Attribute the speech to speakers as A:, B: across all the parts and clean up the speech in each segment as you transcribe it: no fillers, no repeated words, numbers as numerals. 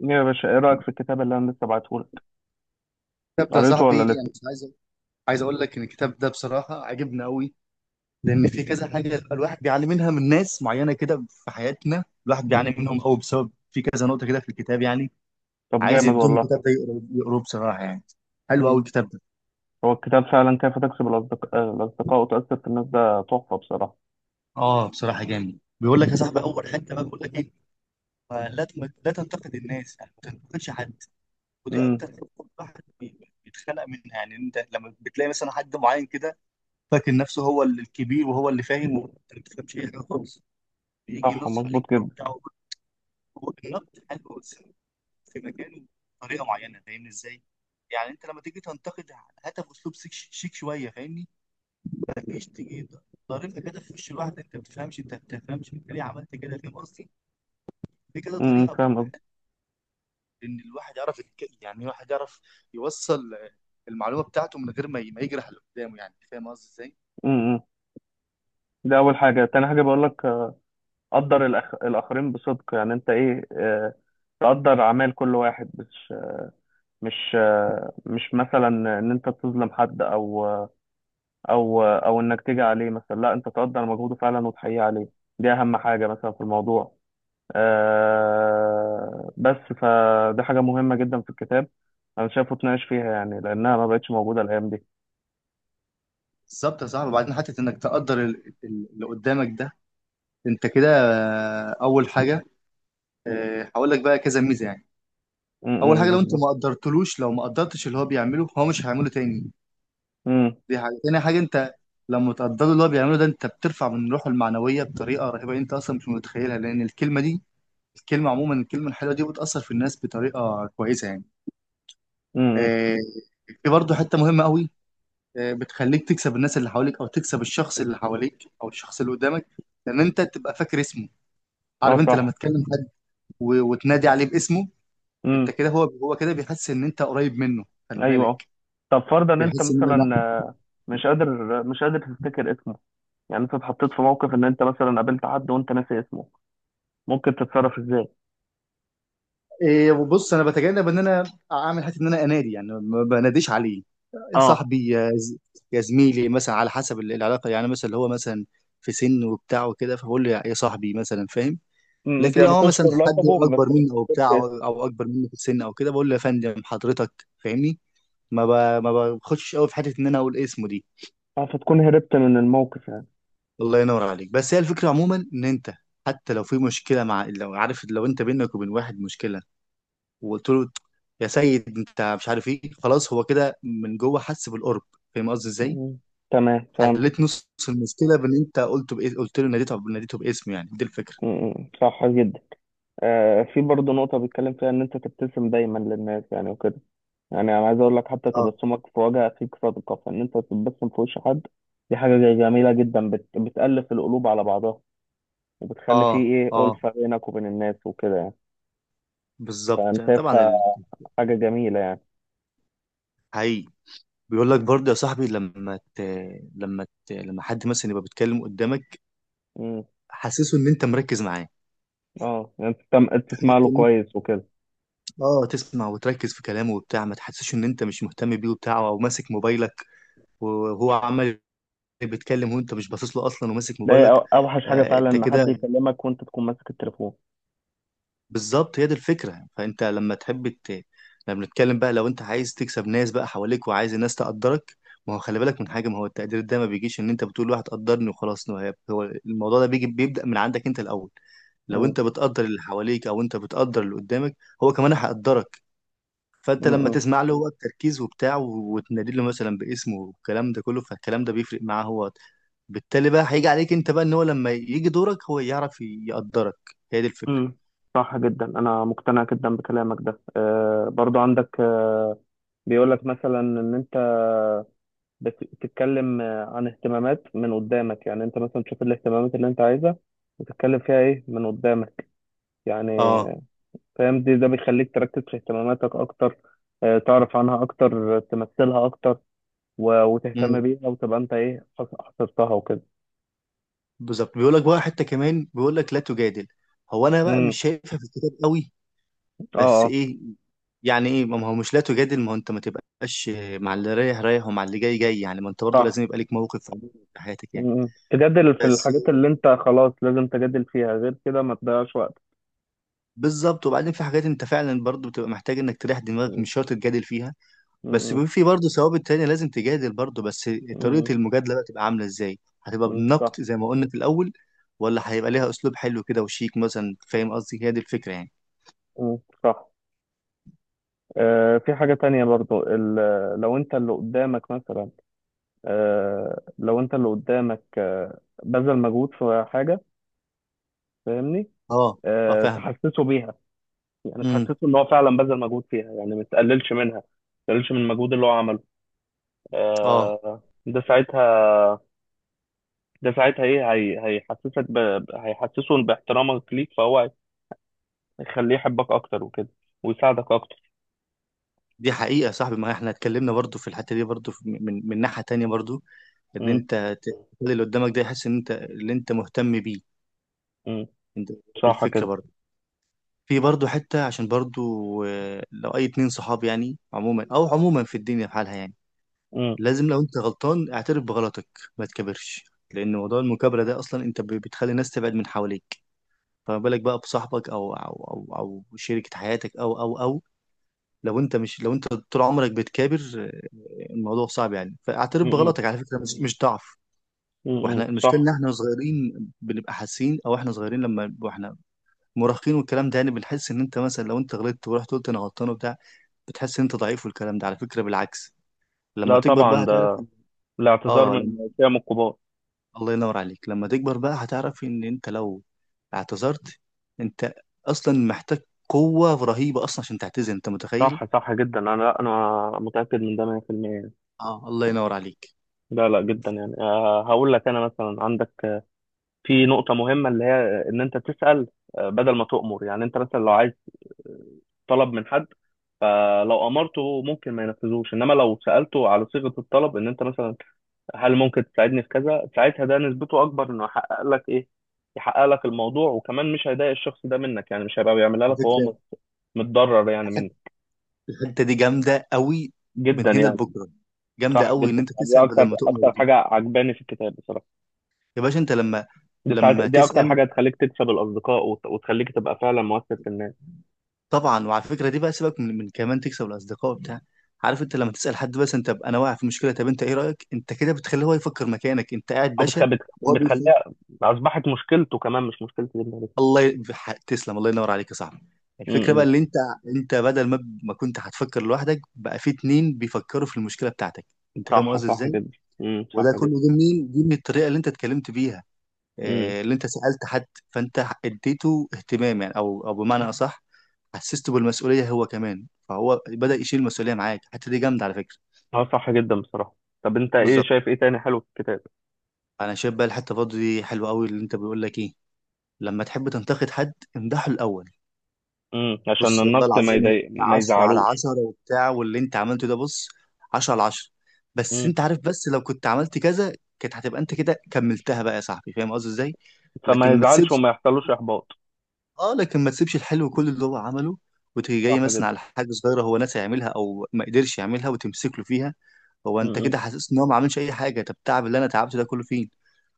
A: يا باشا ايه رأيك في الكتاب اللي انا لسه بعتهولك؟
B: الكتاب ده يا
A: قريته
B: صاحبي
A: ولا لسه؟
B: انا مش عايز. عايز اقول لك ان الكتاب ده بصراحه عجبني قوي. لان في كذا حاجه الواحد بيعاني منها من ناس معينه كده في حياتنا، الواحد بيعاني منهم قوي بسبب في كذا نقطه كده في الكتاب يعني.
A: طب
B: عايز
A: جامد
B: يدوم
A: والله.
B: الكتاب ده يقروه بصراحه يعني. حلو قوي
A: امم
B: الكتاب ده.
A: هو الكتاب فعلا كيف تكسب الأصدقاء وتأثر في الناس ده تحفة بصراحة.
B: اه بصراحه جامد، بيقول لك يا صاحبي اول حته بقى بيقول لك ايه؟ لا تنتقد الناس، يعني ما تنتقدش حد. ودي
A: امم.
B: اكتر حته الواحد بيتخلق منها، يعني انت لما بتلاقي مثلا حد معين كده فاكر نفسه هو الكبير وهو اللي فاهم وانت ما بتفهمش اي حاجه خالص، بيجي
A: صح،
B: ينسق
A: مظبوط
B: الايد
A: جدا.
B: بتاعه. هو النقد حلو بس في مكانه، بطريقه معينه، فاهمني ازاي؟ يعني انت لما تيجي تنتقد هاتها باسلوب شيك شيك شويه، فاهمني؟ ما تجيش تيجي ضاربها كده في وش الواحد، انت ما بتفهمش انت ما بتفهمش انت ليه عملت كده، فاهم قصدي؟ في كده
A: امم،
B: طريقه
A: فاهم
B: بتبقى
A: قصدي.
B: حلوه ان الواحد يعرف يعني الواحد يعرف يوصل المعلومه بتاعته من غير ما يجرح اللي قدامه، يعني فاهم قصدي ازاي؟
A: امم. ده أول حاجة. تاني حاجة بقول لك، قدر الآخرين بصدق، يعني أنت إيه، تقدر أعمال كل واحد، مش مثلا إن أنت تظلم حد، أو أو إنك تيجي عليه، مثلا لا، أنت تقدر مجهوده فعلا وتحييه عليه. دي أهم حاجة مثلا في الموضوع. آه بس فدي حاجة مهمة جدا في الكتاب، أنا شايفه اتناقش فيها يعني، لأنها ما بقتش موجودة الأيام دي.
B: بالظبط يا صاحبي، وبعدين حتى انك تقدر اللي قدامك ده. انت كده، اول حاجه. هقول لك بقى كذا ميزه يعني. اول حاجه
A: امم،
B: لو انت
A: بالظبط.
B: ما قدرتلوش، لو ما قدرتش اللي هو بيعمله هو مش هيعمله تاني.
A: امم.
B: دي حاجه. تاني حاجه انت لما تقدر اللي هو بيعمله ده انت بترفع من روحه المعنويه بطريقه رهيبه انت اصلا مش متخيلها، لان الكلمه دي، الكلمه عموما، الكلمه الحلوه دي بتاثر في الناس بطريقه كويسه يعني.
A: امم.
B: آه، في برضه حته مهمه قوي. بتخليك تكسب الناس اللي حواليك او تكسب الشخص اللي حواليك او الشخص اللي قدامك، لان انت تبقى فاكر اسمه. عارف
A: اه
B: انت لما
A: صح.
B: تكلم حد وتنادي عليه باسمه،
A: امم.
B: انت كده هو كده بيحس ان انت قريب منه، خلي
A: أيوه اه.
B: بالك.
A: طب فرضا إن أنت
B: بيحس ان
A: مثلا، مش قادر، تفتكر اسمه، يعني أنت اتحطيت في موقف إن أنت مثلا قابلت حد وأنت ناسي اسمه، ممكن تتصرف إزاي؟
B: إيه. وبص انا بتجنب ان انا اعمل حته ان انا انادي، يعني ما بناديش عليه
A: اه.
B: صاحبي يا زميلي، مثلا على حسب العلاقه، يعني مثلا اللي هو مثلا في سن وبتاع وكده فبقول له يا صاحبي مثلا، فاهم؟
A: امم،
B: لكن لو
A: يعني
B: هو مثلا
A: تذكر
B: حد
A: لقبه بس
B: اكبر
A: ما
B: مني او
A: تفتكرش
B: بتاع او
A: اسمه.
B: أو اكبر مني في السن او كده بقول له يا فندم حضرتك، فاهمني؟ ما ب... ما بخشش قوي في حته ان انا اقول اسمه دي.
A: فتكون هربت من الموقف يعني.
B: الله ينور عليك، بس هي الفكره عموما ان انت حتى لو في مشكله مع، لو عارف، لو انت بينك وبين واحد مشكله وقلت له يا سيد انت مش عارف ايه، خلاص هو كده من جوه حس بالقرب، فاهم قصدي ازاي؟
A: امم، تمام فهمت.
B: حليت نص المشكله بان انت قلته بايه، قلت له ناديته ناديته باسمه، يعني دي الفكره.
A: امم، صح جدا. في برضه نقطة بيتكلم فيها إن أنت تبتسم دايما للناس يعني وكده، يعني أنا عايز أقول لك، حتى
B: اه.
A: تبسمك في وجه أخيك صدقة، فإن أنت تبتسم في وش حد دي حاجة جميلة جدا، بتألف القلوب على بعضها، وبتخلي فيه
B: اه.
A: إيه
B: اه
A: ألفة بينك وبين الناس وكده يعني. فأنا
B: بالظبط طبعا
A: شايفها حاجة جميلة يعني.
B: حقيقي. بيقول لك برضه يا صاحبي لما حد مثلا يبقى بيتكلم قدامك،
A: مم.
B: حسسه ان انت مركز معاه.
A: أه يعني تسمع له
B: حتة إن أنت-
A: كويس وكده.
B: اه تسمع وتركز في كلامه وبتاع، ما تحسسش ان انت مش مهتم بيه وبتاع، او ماسك موبايلك وهو عمال بيتكلم وانت مش باصص له اصلا وماسك
A: ده هي
B: موبايلك.
A: أوحش حاجة فعلا،
B: انت
A: إن
B: كده.
A: حد يكلمك وأنت تكون ماسك التليفون.
B: بالظبط، هي دي الفكره. فانت لما تحب لما نتكلم بقى، لو انت عايز تكسب ناس بقى حواليك وعايز الناس تقدرك، ما هو خلي بالك من حاجه، ما هو التقدير ده ما بيجيش ان انت بتقول واحد قدرني وخلاص. ما هي- هو الموضوع ده بيجي بيبدا من عندك انت الاول. لو
A: مم.
B: انت بتقدر اللي حواليك او انت بتقدر اللي قدامك، هو كمان هيقدرك. فانت لما
A: مم.
B: تسمع له هو التركيز وبتاع وتنادي له مثلا باسمه والكلام ده كله، فالكلام ده بيفرق معاه هو، بالتالي بقى هيجي عليك انت بقى ان هو لما يجي دورك هو يعرف يقدرك. هي دي الفكره.
A: مم. صح جدا، أنا مقتنع جدا بكلامك ده. أه برضو عندك، بيقول لك مثلا ان انت بتتكلم عن اهتمامات من قدامك، يعني انت مثلا تشوف الاهتمامات اللي انت عايزها وتتكلم فيها ايه من قدامك يعني.
B: اه.
A: فاهم دي، ده بيخليك تركز في اهتماماتك اكتر، تعرف عنها اكتر، تمثلها اكتر، وتهتم
B: امم
A: بيها وتبقى انت ايه حصرتها وكده.
B: بالظبط. بيقول لك بقى حته كمان بيقول لك لا تجادل. هو انا بقى
A: امم.
B: مش شايفها في الكتاب قوي،
A: اه
B: بس
A: اه.
B: ايه؟ يعني ايه، ما هو مش لا تجادل، ما هو انت ما تبقاش مع اللي رايح رايح ومع اللي جاي جاي، يعني ما انت برضه
A: صح.
B: لازم يبقى ليك موقف في حياتك يعني.
A: مم، تجادل في
B: بس.
A: الحاجات اللي انت خلاص لازم تجادل فيها، غير كده ما تضيعش وقت.
B: بالظبط وبعدين في حاجات انت فعلا برضو بتبقى محتاج انك تريح دماغك،
A: مم.
B: مش شرط تجادل فيها بس.
A: مم.
B: بيبقى في برضو ثوابت تانية لازم تجادل برضو، بس طريقة
A: مم.
B: المجادلة بقى تبقى عاملة ازاي، هتبقى
A: مم، صح.
B: بالنقد زي ما قلنا في الأول ولا هيبقى ليها أسلوب حلو كده وشيك مثلا، فاهم قصدي؟ هي دي الفكرة يعني.
A: مم، صح. في حاجة تانية برضو، لو انت اللي قدامك مثلا، لو انت اللي قدامك بذل مجهود في حاجة، فاهمني،
B: اه. اه فاهم.
A: تحسسه بيها. يعني
B: امم.
A: تحسسه ان هو فعلا بذل مجهود فيها، يعني ما تقللش منها، ما تقللش من المجهود اللي هو عمله.
B: اه
A: ده ساعتها، ده ساعتها ايه هي هيحسسه باحترامك ليك، فهو هيخليه يحبك اكتر وكده، ويساعدك اكتر.
B: دي حقيقة يا صاحبي، ما احنا اتكلمنا برضو في الحتة دي برضو من ناحية تانية برضو ان
A: امم.
B: انت تخلي اللي قدامك ده يحس ان انت اللي انت مهتم بيه.
A: امم
B: انت دي
A: صح
B: الفكرة
A: كده.
B: برضو. في برضه حتة، عشان برضه، لو أي اتنين صحاب، يعني عموما أو عموما في الدنيا في حالها يعني،
A: امم.
B: لازم لو أنت غلطان اعترف بغلطك، ما تكبرش. لأن موضوع المكابرة ده أصلا أنت بتخلي الناس تبعد من حواليك، فما بالك بقى بصاحبك أو شريكة حياتك أو لو أنت مش، لو أنت طول عمرك بتكابر، الموضوع صعب يعني. فاعترف
A: امم.
B: بغلطك، على فكرة مش مش ضعف.
A: امم.
B: واحنا المشكلة
A: صح.
B: ان احنا صغيرين بنبقى حاسين، او احنا صغيرين لما واحنا مراهقين والكلام ده، يعني بنحس ان انت مثلا لو انت غلطت ورحت قلت انا غلطان وبتاع بتحس إن انت ضعيف، والكلام ده على فكرة بالعكس، لما
A: لا
B: تكبر بقى
A: طبعا،
B: هتعرف
A: الاعتذار
B: اه
A: من
B: لما...
A: قيم الكبار.
B: الله ينور عليك. لما تكبر بقى هتعرف ان انت لو اعتذرت، انت اصلا محتاج قوة رهيبة اصلا عشان تعتذر، انت متخيل؟
A: صح، صح جدا. انا لا انا متاكد من ده 100% يعني.
B: اه الله ينور عليك.
A: لا لا، جدا يعني. هقول لك، انا مثلا عندك، في نقطه مهمه اللي هي ان انت تسال، بدل ما تؤمر. يعني انت مثلا لو عايز طلب من حد، فلو امرته ممكن ما ينفذوش، انما لو سالته على صيغه الطلب، ان انت مثلا هل ممكن تساعدني في كذا، ساعتها ده نسبته اكبر انه يحقق لك ايه، يحقق لك الموضوع. وكمان مش هيضايق الشخص ده منك، يعني مش هيبقى بيعملها
B: على
A: لك وهو
B: فكرة
A: متضرر يعني منك.
B: الحتة دي جامدة قوي، من
A: جدا
B: هنا
A: يعني.
B: لبكرة. جامدة
A: صح
B: قوي ان
A: جدا
B: انت
A: يعني، دي
B: تسأل بدل
A: اكتر
B: ما تؤمر دي.
A: حاجه عجباني في الكتاب بصراحه.
B: يا باشا انت لما،
A: دي ساعات
B: لما
A: دي اكتر
B: تسأل
A: حاجه تخليك تكسب الاصدقاء، وتخليك تبقى فعلا مؤثر في الناس.
B: طبعا، وعلى فكره دي بقى سيبك من كمان تكسب الاصدقاء بتاع عارف انت لما تسال حد بس، انت انا واقع في مشكله طب انت ايه رايك، انت كده بتخليه هو يفكر مكانك، انت قاعد
A: او
B: باشا وهو بيفكر.
A: بتخليها اصبحت مشكلته كمان، مش مشكلتي. جدا بس.
B: تسلم. الله ينور عليك يا صاحبي.
A: م-
B: الفكره بقى
A: م.
B: اللي انت، انت بدل ما كنت هتفكر لوحدك بقى في اتنين بيفكروا في المشكله بتاعتك، انت فاهم
A: صح،
B: قصدي
A: صح
B: ازاي؟
A: جدا. م،
B: وده
A: صح جدا.
B: كله جه منين؟ جه من الطريقه اللي انت اتكلمت بيها،
A: م.
B: اللي انت سألت حد، فانت اديته اهتمام، يعني او بمعنى اصح حسسته بالمسؤوليه هو كمان، فهو بدأ يشيل المسؤوليه معاك. الحته دي جامده على فكره.
A: اه صح جدا بصراحه. طب انت ايه
B: بالظبط.
A: شايف ايه تاني حلو في الكتاب؟
B: انا شايف بقى الحته برضه دي حلوه قوي، اللي انت بيقول لك ايه؟ لما تحب تنتقد حد امدحه الاول.
A: م، عشان
B: بص والله
A: النقد ما
B: العظيم انت
A: يضايق، ما
B: 10 على
A: يزعلوش.
B: 10 وبتاع واللي انت عملته ده بص 10 على 10، بس
A: م.
B: انت عارف، بس لو كنت عملت كذا كانت هتبقى، انت كده كملتها بقى يا صاحبي، فاهم قصدي ازاي؟
A: فما
B: لكن ما
A: يزعلش
B: تسيبش.
A: وما يحصلوش احباط.
B: اه لكن ما تسيبش الحلو كل اللي هو عمله وتيجي جاي
A: صح جدا.
B: مثلا على حاجه صغيره هو ناسي يعملها او ما قدرش يعملها وتمسك له فيها، هو انت
A: م.
B: كده حاسس ان هو ما عملش اي حاجه. طب التعب اللي انا تعبته ده كله فين؟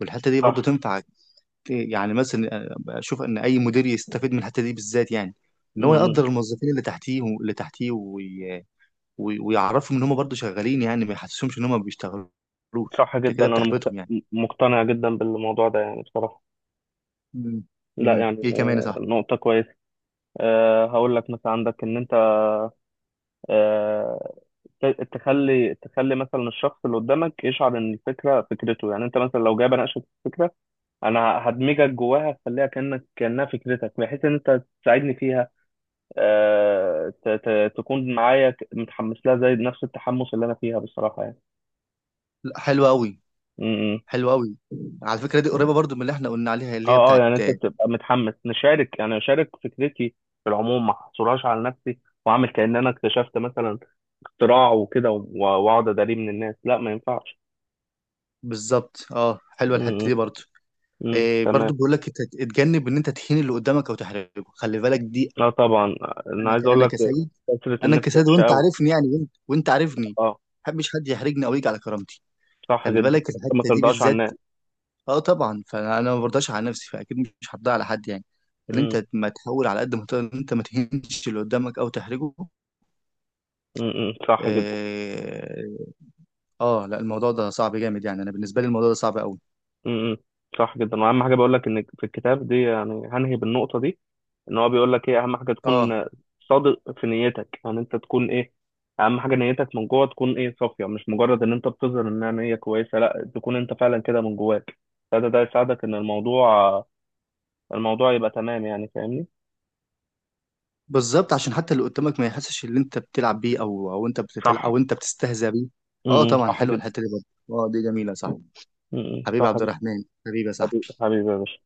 B: والحته دي برضو
A: صح.
B: تنفع. يعني مثلا اشوف ان اي مدير يستفيد من الحته دي بالذات، يعني
A: م-
B: ان هو يقدر
A: م،
B: الموظفين اللي تحتيه ويعرفهم ان هم برضو شغالين، يعني ما يحسسهمش ان هم ما بيشتغلوش،
A: صح
B: انت
A: جدا.
B: كده
A: انا
B: بتحبطهم يعني.
A: مقتنع جدا بالموضوع ده يعني بصراحه. لا
B: امم.
A: يعني،
B: ايه كمان يا صاحبي؟
A: نقطة كويسة. هقول لك مثلا عندك إن أنت، آه، تخلي، مثلا الشخص اللي قدامك يشعر إن الفكرة فكرته. يعني أنت مثلا لو جاي بناقشك في فكرة، أنا هدمجك جواها، أخليها كأنك كأنها فكرتك، بحيث إن أنت تساعدني فيها. تكون معايا متحمس لها زي نفس التحمس اللي أنا فيها بصراحة يعني.
B: لا، حلو قوي.
A: م.
B: حلو قوي. على فكره دي قريبه برضو من اللي احنا قلنا عليها اللي هي
A: اه اه،
B: بتاعت.
A: يعني انت بتبقى متحمس نشارك، يعني اشارك فكرتي في العموم، ما احصرهاش على نفسي، واعمل كأن انا اكتشفت مثلا اختراع وكده، واقعد اداريه من الناس. لا ما ينفعش.
B: بالظبط اه، حلوه الحته دي
A: امم.
B: برضو.
A: امم،
B: إيه
A: تمام.
B: برضو بيقول لك اتجنب ان انت تهين اللي قدامك او تحرجه، خلي بالك دي.
A: لا طبعا، انا عايز اقول
B: انا
A: لك
B: كسيد.
A: كثرة
B: انا
A: النفس
B: كسيد
A: وحشة
B: وانت
A: قوي.
B: عارفني، يعني وانت عارفني ما
A: اه
B: بحبش حد يحرجني او يجي على كرامتي.
A: صح
B: خلي
A: جدا،
B: بالك
A: انت ما
B: الحته دي
A: ترضاش عن
B: بالذات.
A: الناس.
B: اه طبعا، فانا أنا ما برضاش على نفسي، فاكيد مش هرضى على حد، يعني ان
A: امم.
B: انت ما تحاول على قد ما تقدر ان انت ما تهينش اللي قدامك او تحرجه.
A: صح جدا.
B: آه، اه لا الموضوع ده صعب جامد، يعني انا بالنسبه لي الموضوع ده صعب قوي.
A: امم صح جدا، واهم حاجة بقول لك ان في الكتاب دي، يعني هنهي بالنقطة دي، ان هو بيقول لك ايه اهم حاجه،
B: اه
A: تكون صادق في نيتك. يعني انت تكون ايه، اهم حاجه نيتك من جوه تكون ايه، صافيه، مش مجرد ان انت بتظهر انها نيه كويسه، لا تكون انت فعلا كده من جواك. ده ده يساعدك ان الموضوع يبقى تمام يعني، فاهمني.
B: بالظبط عشان حتى اللي قدامك ما يحسش ان انت بتلعب بيه او
A: صح.
B: او انت بتستهزأ بيه. اه طبعا
A: صح
B: حلوه
A: جدا.
B: الحته دي برضه. اه دي جميله، صح. حبيبي
A: صح
B: عبد
A: جدا.
B: الرحمن، حبيبي يا
A: حبيبي،
B: صاحبي.
A: حبيبي يا باشا.